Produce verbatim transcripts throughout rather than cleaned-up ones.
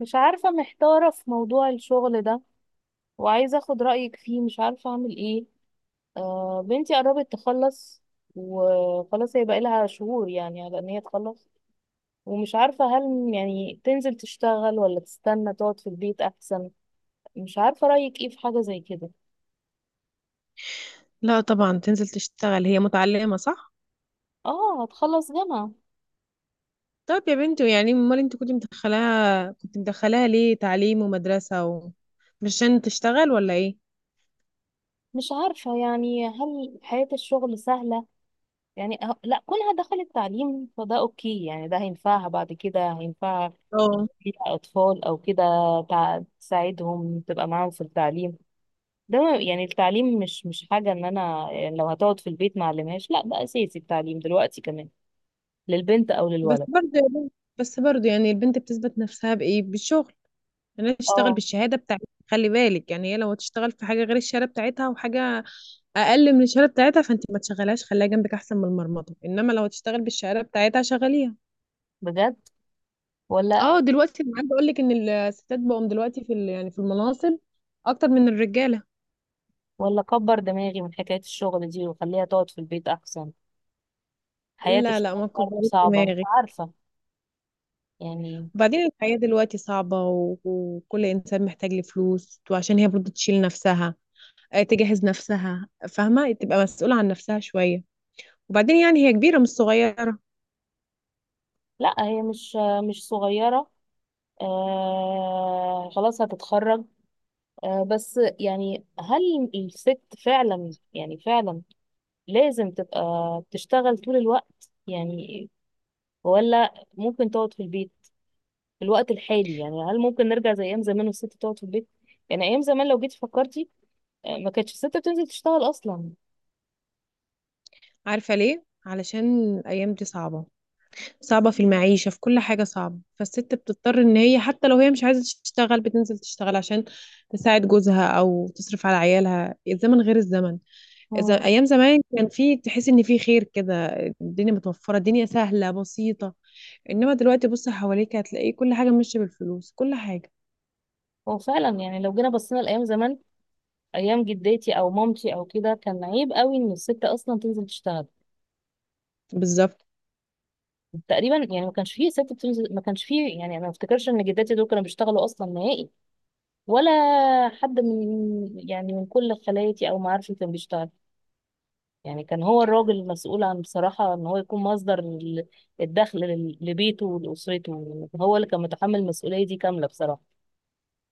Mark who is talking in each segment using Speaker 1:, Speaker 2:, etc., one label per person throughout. Speaker 1: مش عارفة، محتارة في موضوع الشغل ده وعايزة اخد رأيك فيه. مش عارفة اعمل ايه. آه، بنتي قربت تخلص وخلاص، هي بقى لها شهور يعني على ان هي تخلص. ومش عارفة هل يعني تنزل تشتغل ولا تستنى تقعد في البيت احسن. مش عارفة رأيك ايه في حاجة زي كده.
Speaker 2: لا طبعا، تنزل تشتغل. هي متعلمة صح؟
Speaker 1: اه، هتخلص جامعة.
Speaker 2: طب يا بنتي، يعني امال انت كنت مدخلاها كنت مدخلاها ليه تعليم ومدرسة و... مش عشان تشتغل ولا ايه؟
Speaker 1: مش عارفة يعني هل حياة الشغل سهلة. يعني أه- لا، كونها دخلت تعليم فده اوكي. يعني ده هينفعها، بعد كده هينفعها
Speaker 2: اه.
Speaker 1: فيها أطفال أو كده. تع- تساعدهم، تبقى معاهم في التعليم. ده ما- يعني التعليم مش مش حاجة. إن أنا يعني لو هتقعد في البيت ما أعلمهاش، لا ده أساسي، التعليم دلوقتي كمان للبنت أو
Speaker 2: بس
Speaker 1: للولد.
Speaker 2: برضه يا بنت، بس برضه يعني البنت بتثبت نفسها بايه؟ بالشغل. يعني هي تشتغل
Speaker 1: اه،
Speaker 2: بالشهادة بتاعتها، خلي بالك يعني هي لو تشتغل في حاجة غير الشهادة بتاعتها وحاجة أقل من الشهادة بتاعتها فانت ما تشغلهاش، خليها جنبك أحسن من المرمطة، إنما لو تشتغل بالشهادة بتاعتها شغليها.
Speaker 1: بجد؟ ولا؟
Speaker 2: اه دلوقتي انا عايزه اقول لك ان الستات بقوا دلوقتي في ال- يعني في المناصب اكتر من الرجاله.
Speaker 1: ولا كبر دماغي من حكاية الشغل دي وخليها تقعد في البيت أحسن؟ حياة
Speaker 2: لا لا
Speaker 1: الشغل
Speaker 2: ما
Speaker 1: برضه
Speaker 2: كبرت
Speaker 1: صعبة، مش
Speaker 2: دماغي.
Speaker 1: عارفة يعني.
Speaker 2: وبعدين الحياه دلوقتي صعبه و... وكل انسان محتاج لفلوس، وعشان هي برضه تشيل نفسها، آه، تجهز نفسها، فاهمه، تبقى مسؤوله عن نفسها شويه. وبعدين يعني هي كبيره مش صغيره.
Speaker 1: لا هي مش مش صغيرة. آه، خلاص هتتخرج. آه، بس يعني هل الست فعلا يعني فعلا لازم تبقى بتشتغل طول الوقت يعني؟ ولا ممكن تقعد في البيت في الوقت الحالي؟ يعني هل ممكن نرجع زي ايام زمان والست تقعد في البيت؟ يعني ايام زمان لو جيتي فكرتي، آه، ما كانتش الست بتنزل تشتغل اصلا.
Speaker 2: عارفه ليه؟ علشان الايام دي صعبه، صعبة في المعيشة، في كل حاجة صعبة، فالست بتضطر ان هي حتى لو هي مش عايزة تشتغل بتنزل تشتغل عشان تساعد جوزها او تصرف على عيالها. الزمن غير الزمن.
Speaker 1: مم.
Speaker 2: إذا ايام زمان كان في، تحس ان في خير كده، الدنيا متوفرة، الدنيا سهلة بسيطة، انما دلوقتي بص حواليك هتلاقي كل حاجة ماشية بالفلوس، كل حاجة.
Speaker 1: هو فعلا يعني لو جينا بصينا لايام زمان، ايام جداتي او مامتي او كده، كان عيب قوي ان الست اصلا تنزل تشتغل.
Speaker 2: بالظبط.
Speaker 1: تقريبا يعني ما كانش فيه ست بتنزل، ما كانش فيه يعني. انا ما افتكرش ان جداتي دول كانوا بيشتغلوا اصلا نهائي. ولا حد من يعني من كل خالاتي او معارفي كان بيشتغل. يعني كان هو الراجل المسؤول عن، بصراحة، ان هو يكون مصدر ال- الدخل لل- لبيته ولأسرته. هو اللي كان متحمل المسؤولية دي كاملة بصراحة.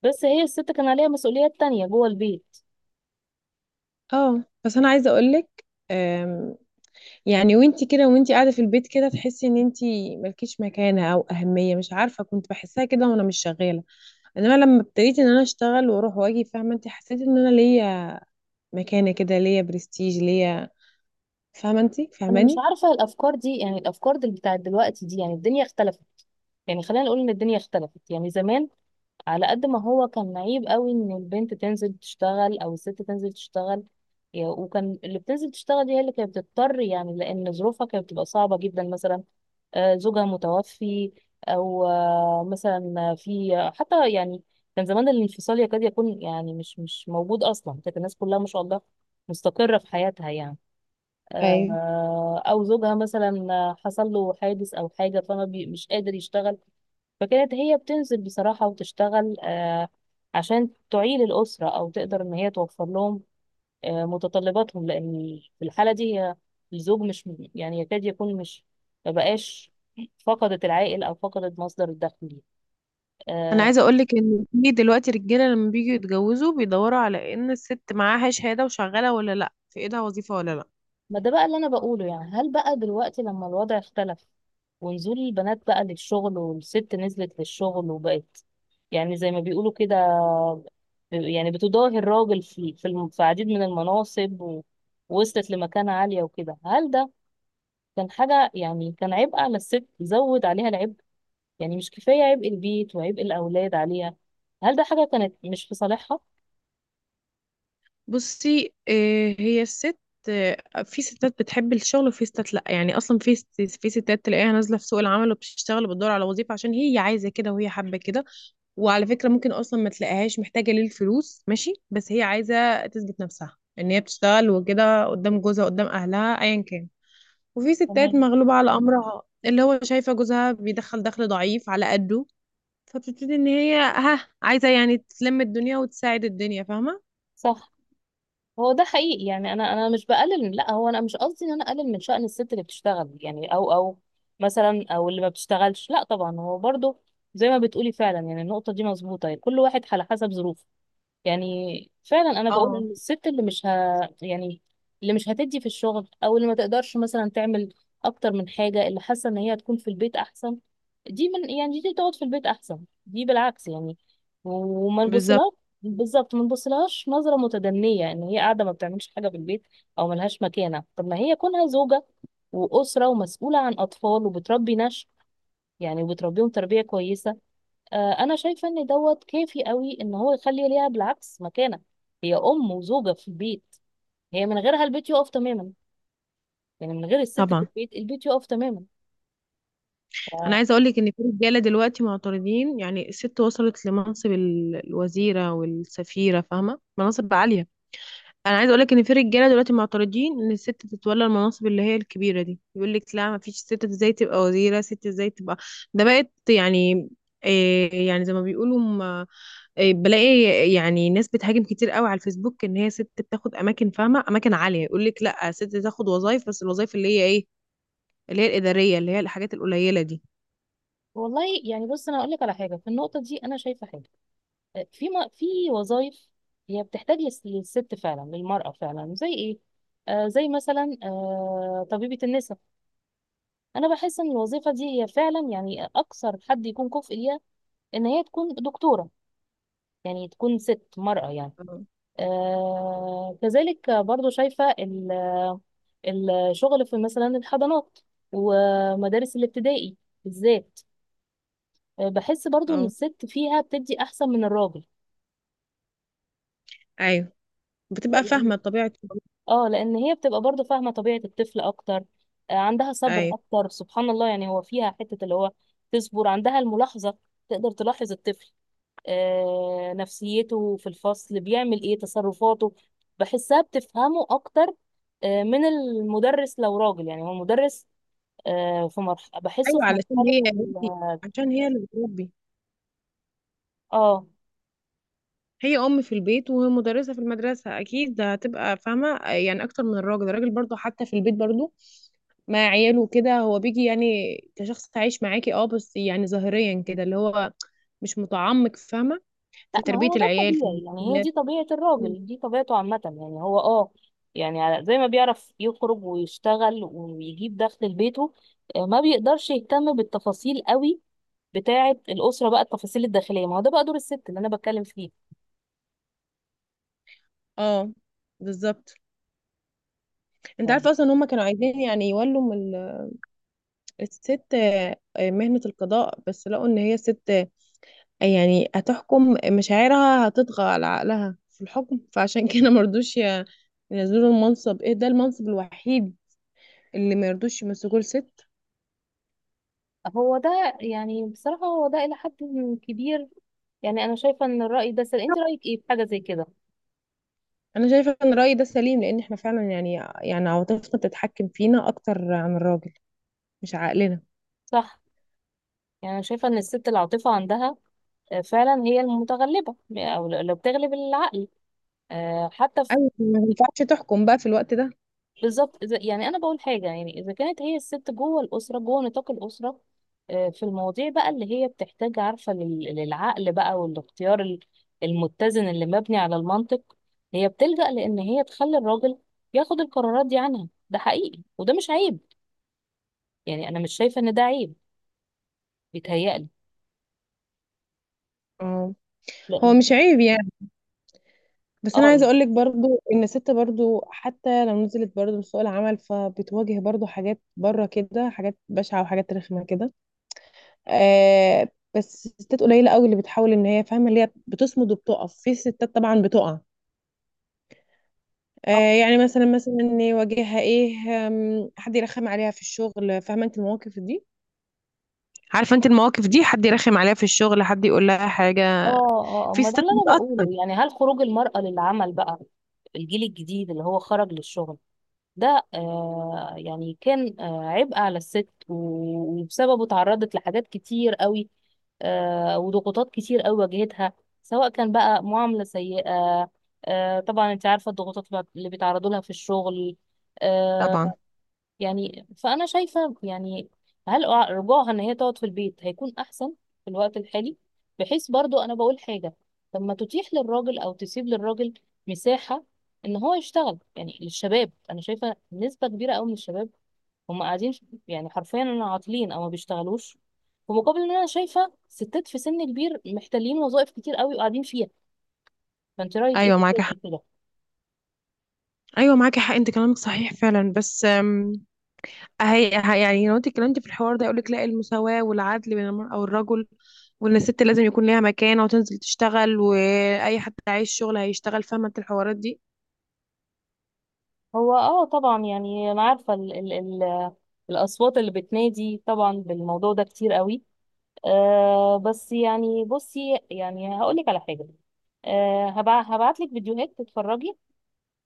Speaker 1: بس هي الست كان عليها مسؤوليات تانية جوه البيت.
Speaker 2: اه بس انا عايزة اقولك، أم، يعني وانتي كده وانتي قاعدة في البيت كده تحسي ان انتي ملكيش مكانة او اهمية. مش عارفة، كنت بحسها كده وانا مش شغالة، انما لما ابتديت ان انا اشتغل واروح واجي، فاهمه انت، حسيت ان انا ليا مكانه كده، ليا برستيج ليا. فاهمه انت
Speaker 1: انا مش
Speaker 2: فاهماني؟
Speaker 1: عارفة، الافكار دي يعني الافكار دي بتاعت دلوقتي دي، يعني الدنيا اختلفت. يعني خلينا نقول ان الدنيا اختلفت. يعني زمان على قد ما هو كان عيب قوي ان البنت تنزل تشتغل او الست تنزل تشتغل، يا- وكان اللي بتنزل تشتغل دي هي اللي كانت بتضطر يعني، لان ظروفها كانت بتبقى صعبة جدا. مثلا، آه، زوجها متوفي. او آه، مثلا، في حتى يعني كان زمان الانفصال يكاد يكون يعني مش مش موجود اصلا. كانت الناس كلها ما شاء الله مستقرة في حياتها يعني.
Speaker 2: ايوه.
Speaker 1: آه، او زوجها مثلا حصل له حادث او حاجة، فما بي- مش قادر يشتغل. فكانت هي بتنزل بصراحة وتشتغل، آه، عشان تعيل الأسرة أو تقدر إن هي توفر لهم آه، متطلباتهم. لأن في الحالة دي هي الزوج مش، يعني يكاد يكون مش، مبقاش. فقدت العائل أو فقدت مصدر الدخل ليها.
Speaker 2: انا
Speaker 1: آه،
Speaker 2: عايزه اقول لك ان في دلوقتي رجاله لما بييجوا يتجوزوا بيدوروا على ان الست معاها شهاده وشغاله ولا لا، في ايدها وظيفه ولا لا.
Speaker 1: ما ده بقى اللي أنا بقوله. يعني هل بقى دلوقتي لما الوضع اختلف، ونزول البنات بقى للشغل، والست نزلت للشغل وبقت يعني زي ما بيقولوا كده، يعني بتضاهي الراجل في في الم- في عديد من المناصب، و- ووصلت لمكانة عالية وكده، هل ده كان حاجة، يعني كان عبء على الست، زود عليها العبء؟ يعني مش كفاية عبء البيت وعبء الأولاد عليها؟ هل ده حاجة كانت مش في صالحها؟
Speaker 2: بصي آه، هي الست، آه، في ستات بتحب الشغل وفي ستات لا. يعني اصلا في ست- في ستات تلاقيها نازله في سوق العمل وبتشتغل وبتدور على وظيفه عشان هي عايزه كده وهي حابه كده. وعلى فكرة ممكن أصلا ما تلاقيهاش محتاجة للفلوس، ماشي، بس هي عايزة تثبت نفسها إن هي بتشتغل وكده، قدام جوزها، قدام أهلها، أيا كان. وفي ستات
Speaker 1: تمام.
Speaker 2: مغلوبة على أمرها اللي هو شايفة جوزها بيدخل دخل ضعيف على قده، فبتبتدي إن هي ها عايزة يعني تلم الدنيا وتساعد الدنيا، فاهمة؟
Speaker 1: صح. هو ده حقيقي، يعني أنا أنا مش بقلل. لا هو أنا مش قصدي إن أنا أقلل من شأن الست اللي بتشتغل يعني، أو أو مثلا، أو اللي ما بتشتغلش، لا طبعا. هو برضه زي ما بتقولي فعلا، يعني النقطة دي مظبوطة. يعني كل واحد على حسب ظروفه يعني. فعلا انا بقول
Speaker 2: اه
Speaker 1: ان الست اللي مش ه... يعني اللي مش هتدي في الشغل، او اللي ما تقدرش مثلا تعمل اكتر من حاجه، اللي حاسه ان هي هتكون في البيت احسن، دي من يعني دي تقعد في البيت احسن. دي بالعكس يعني. وما
Speaker 2: بالظبط.
Speaker 1: نبصلهاش. بالظبط، ما نبصلهاش نظره متدنيه ان هي قاعده ما بتعملش حاجه في البيت او ملهاش مكانه. طب ما هي كونها زوجه واسره ومسؤوله عن اطفال، وبتربي نشء يعني، وبتربيهم تربيه كويسه. آه، انا شايفه ان دوت كافي قوي ان هو يخلي ليها بالعكس مكانه. هي ام وزوجه في البيت. هي من غيرها البيت يقف تماما. يعني من غير الست في
Speaker 2: طبعا
Speaker 1: البيت، البيت يقف تماما.
Speaker 2: أنا عايزة
Speaker 1: ف...
Speaker 2: أقولك إن في رجالة دلوقتي معترضين، يعني الست وصلت لمنصب ال- الوزيرة والسفيرة، فاهمة؟ مناصب عالية. انا عايزه اقول لك ان في رجاله دلوقتي معترضين ان الست تتولى المناصب اللي هي الكبيره دي. يقول لك لا، ما فيش ست، ازاي تبقى وزيره، ست ازاي تبقى، ده بقت يعني إيه، يعني زي ما بيقولوا م- إيه بلاقي، يعني ناس بتهاجم كتير قوي على الفيسبوك ان هي ست بتاخد اماكن، فاهمه، اماكن عاليه. يقول لك لا، ست تاخد وظايف بس الوظايف اللي هي ايه، اللي هي الاداريه، اللي هي الحاجات القليله دي.
Speaker 1: والله يعني، بص انا اقول لك على حاجه. في النقطه دي انا شايفه حاجه. آه، في م... في وظائف هي بتحتاج للس- للست فعلا، للمراه فعلا، زي ايه؟ آه، زي مثلا آه طبيبه النساء. انا بحس ان الوظيفه دي هي فعلا يعني اكثر حد يكون كفء ليها ان هي تكون دكتوره، يعني تكون ست، مرأة يعني.
Speaker 2: اه
Speaker 1: آه كذلك برضو شايفة ال- الشغل في مثلا الحضانات ومدارس الابتدائي بالذات. آه، بحس برضو ان
Speaker 2: اه.
Speaker 1: الست فيها بتدي احسن من الراجل.
Speaker 2: ايوه، بتبقى
Speaker 1: لأن
Speaker 2: فاهمه طبيعه.
Speaker 1: اه لان هي بتبقى برضو فاهمة طبيعة الطفل اكتر. آه، عندها صبر
Speaker 2: ايوه.
Speaker 1: اكتر سبحان الله. يعني هو فيها حتة اللي هو تصبر، عندها الملاحظة، تقدر تلاحظ الطفل، آه، نفسيته في الفصل بيعمل ايه، تصرفاته. بحسها بتفهمه اكتر آه، من المدرس لو راجل. يعني هو المدرس آه، في مرحلة، بحسه
Speaker 2: ايوه
Speaker 1: في
Speaker 2: علشان
Speaker 1: مرحلة
Speaker 2: هي،
Speaker 1: ال-
Speaker 2: عشان هي اللي بتربي،
Speaker 1: اه
Speaker 2: هي ام في البيت ومدرسه في المدرسه، اكيد ده هتبقى فاهمه يعني اكتر من الراجل. الراجل برضو حتى في البيت برضو مع عياله كده، هو بيجي يعني كشخص عايش معاكي، اه، بس يعني ظاهريا كده، اللي هو مش متعمق، فاهمه،
Speaker 1: لا،
Speaker 2: في
Speaker 1: ما
Speaker 2: تربيه
Speaker 1: هو ده
Speaker 2: العيال، في
Speaker 1: الطبيعي. يعني هي
Speaker 2: المسؤوليات.
Speaker 1: دي طبيعة الراجل، دي طبيعته عامة. يعني هو اه، يعني على- زي ما بيعرف يخرج ويشتغل ويجيب دخل لبيته، آه، ما بيقدرش يهتم بالتفاصيل قوي بتاعة الأسرة بقى، التفاصيل الداخلية، ما هو ده بقى دور الست اللي أنا بتكلم فيه.
Speaker 2: اه بالظبط. انت
Speaker 1: يعني
Speaker 2: عارفه اصلا ان هم كانوا عايزين يعني يولوا من ال- الست، آه، مهنه القضاء، بس لقوا ان هي ست يعني هتحكم مشاعرها، هتطغى على عقلها في الحكم، فعشان كده مرضوش ي- ينزلوا المنصب. ايه ده؟ المنصب الوحيد اللي مرضوش يمسكوه لست.
Speaker 1: هو ده يعني بصراحة، هو ده إلى حد كبير. يعني أنا شايفة إن الرأي ده سل... أنت رأيك إيه في حاجة زي كده؟
Speaker 2: انا شايفه ان الراي ده سليم، لان احنا فعلا يعني، يعني عواطفنا بتتحكم فينا اكتر عن الراجل، مش عقلنا.
Speaker 1: صح. يعني أنا شايفة إن الست العاطفة عندها آه، فعلا هي المتغلبة، يعني أو لو بتغلب العقل آه، حتى.
Speaker 2: ايوه، ما ينفعش تحكم بقى في الوقت ده.
Speaker 1: بالظبط. إذا يعني انا بقول حاجه، يعني اذا كانت هي الست جوه الاسره، جوه نطاق الاسره، آه، في المواضيع بقى اللي هي بتحتاج عارفه لل- للعقل بقى، والاختيار ال- المتزن اللي مبني على المنطق، هي بتلجأ لان هي تخلي الراجل ياخد القرارات دي عنها. ده حقيقي وده مش عيب. يعني انا مش شايفه ان ده عيب. بيتهيألي
Speaker 2: اه. هو
Speaker 1: لان
Speaker 2: مش عيب يعني، بس
Speaker 1: اه
Speaker 2: انا عايزه
Speaker 1: اه
Speaker 2: اقول لك برضو ان الست برضو حتى لو نزلت برضو لسوق العمل فبتواجه برضو حاجات بره كده، حاجات بشعه وحاجات رخمه كده، آه. بس الستات قليله قوي اللي بتحاول ان هي، فاهمه، اللي هي بتصمد وبتقف. في ستات طبعا بتقع، آه.
Speaker 1: اه
Speaker 2: يعني مثلا مثلا إن يواجهها ايه، آم، حد يرخم عليها في الشغل، فاهمه انت المواقف دي، عارفه انت المواقف دي، حد يرخم عليها في الشغل، حد يقول لها حاجه،
Speaker 1: اه آه،
Speaker 2: في
Speaker 1: ما ده
Speaker 2: ستات
Speaker 1: اللي انا
Speaker 2: بتأثر.
Speaker 1: بقوله. يعني هل خروج المرأة للعمل بقى، الجيل الجديد اللي هو خرج للشغل ده، آه يعني كان آه عبء على الست، و- وبسببه اتعرضت لحاجات كتير قوي آه وضغوطات كتير قوي واجهتها، سواء كان بقى معاملة سيئة. آه طبعا انت عارفة الضغوطات اللي بيتعرضوا لها في الشغل.
Speaker 2: طبعا.
Speaker 1: آه، يعني فأنا شايفة يعني هل أع- رجوعها إن هي تقعد في البيت هيكون أحسن في الوقت الحالي؟ بحيث برضو، أنا بقول حاجة، طب ما تتيح للراجل أو تسيب للراجل مساحة إن هو يشتغل. يعني للشباب، أنا شايفة نسبة كبيرة أوي من الشباب هم قاعدين ش- يعني حرفيا أنا عاطلين أو ما بيشتغلوش. في مقابل إن أنا شايفة ستات في سن كبير محتلين وظائف كتير أوي وقاعدين فيها. فأنت رأيك إيه في
Speaker 2: ايوه
Speaker 1: حاجة
Speaker 2: معاكي حق
Speaker 1: زي كده؟
Speaker 2: ايوه معاكي حق انت كلامك صحيح فعلا، بس آم، هي هي- يعني لو انت اتكلمتي في الحوار ده يقولك لا، المساواة والعدل بين المرأة والرجل، وان الست لازم يكون ليها مكانة وتنزل تشتغل، واي حد عايز شغل هيشتغل، فاهمة انت الحوارات دي.
Speaker 1: هو اه، طبعا، يعني انا عارفه ال ال ال الاصوات اللي بتنادي طبعا بالموضوع ده كتير قوي. آه، بس يعني بصي، يعني هقول لك على حاجه. آه هبع هبعت لك فيديوهات تتفرجي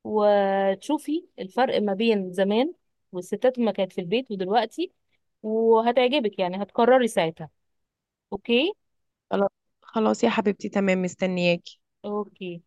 Speaker 1: وتشوفي الفرق ما بين زمان والستات ما كانت في البيت ودلوقتي، وهتعجبك يعني، هتقرري ساعتها. اوكي.
Speaker 2: خلاص، خلاص يا حبيبتي، تمام، مستنياكي.
Speaker 1: اوكي.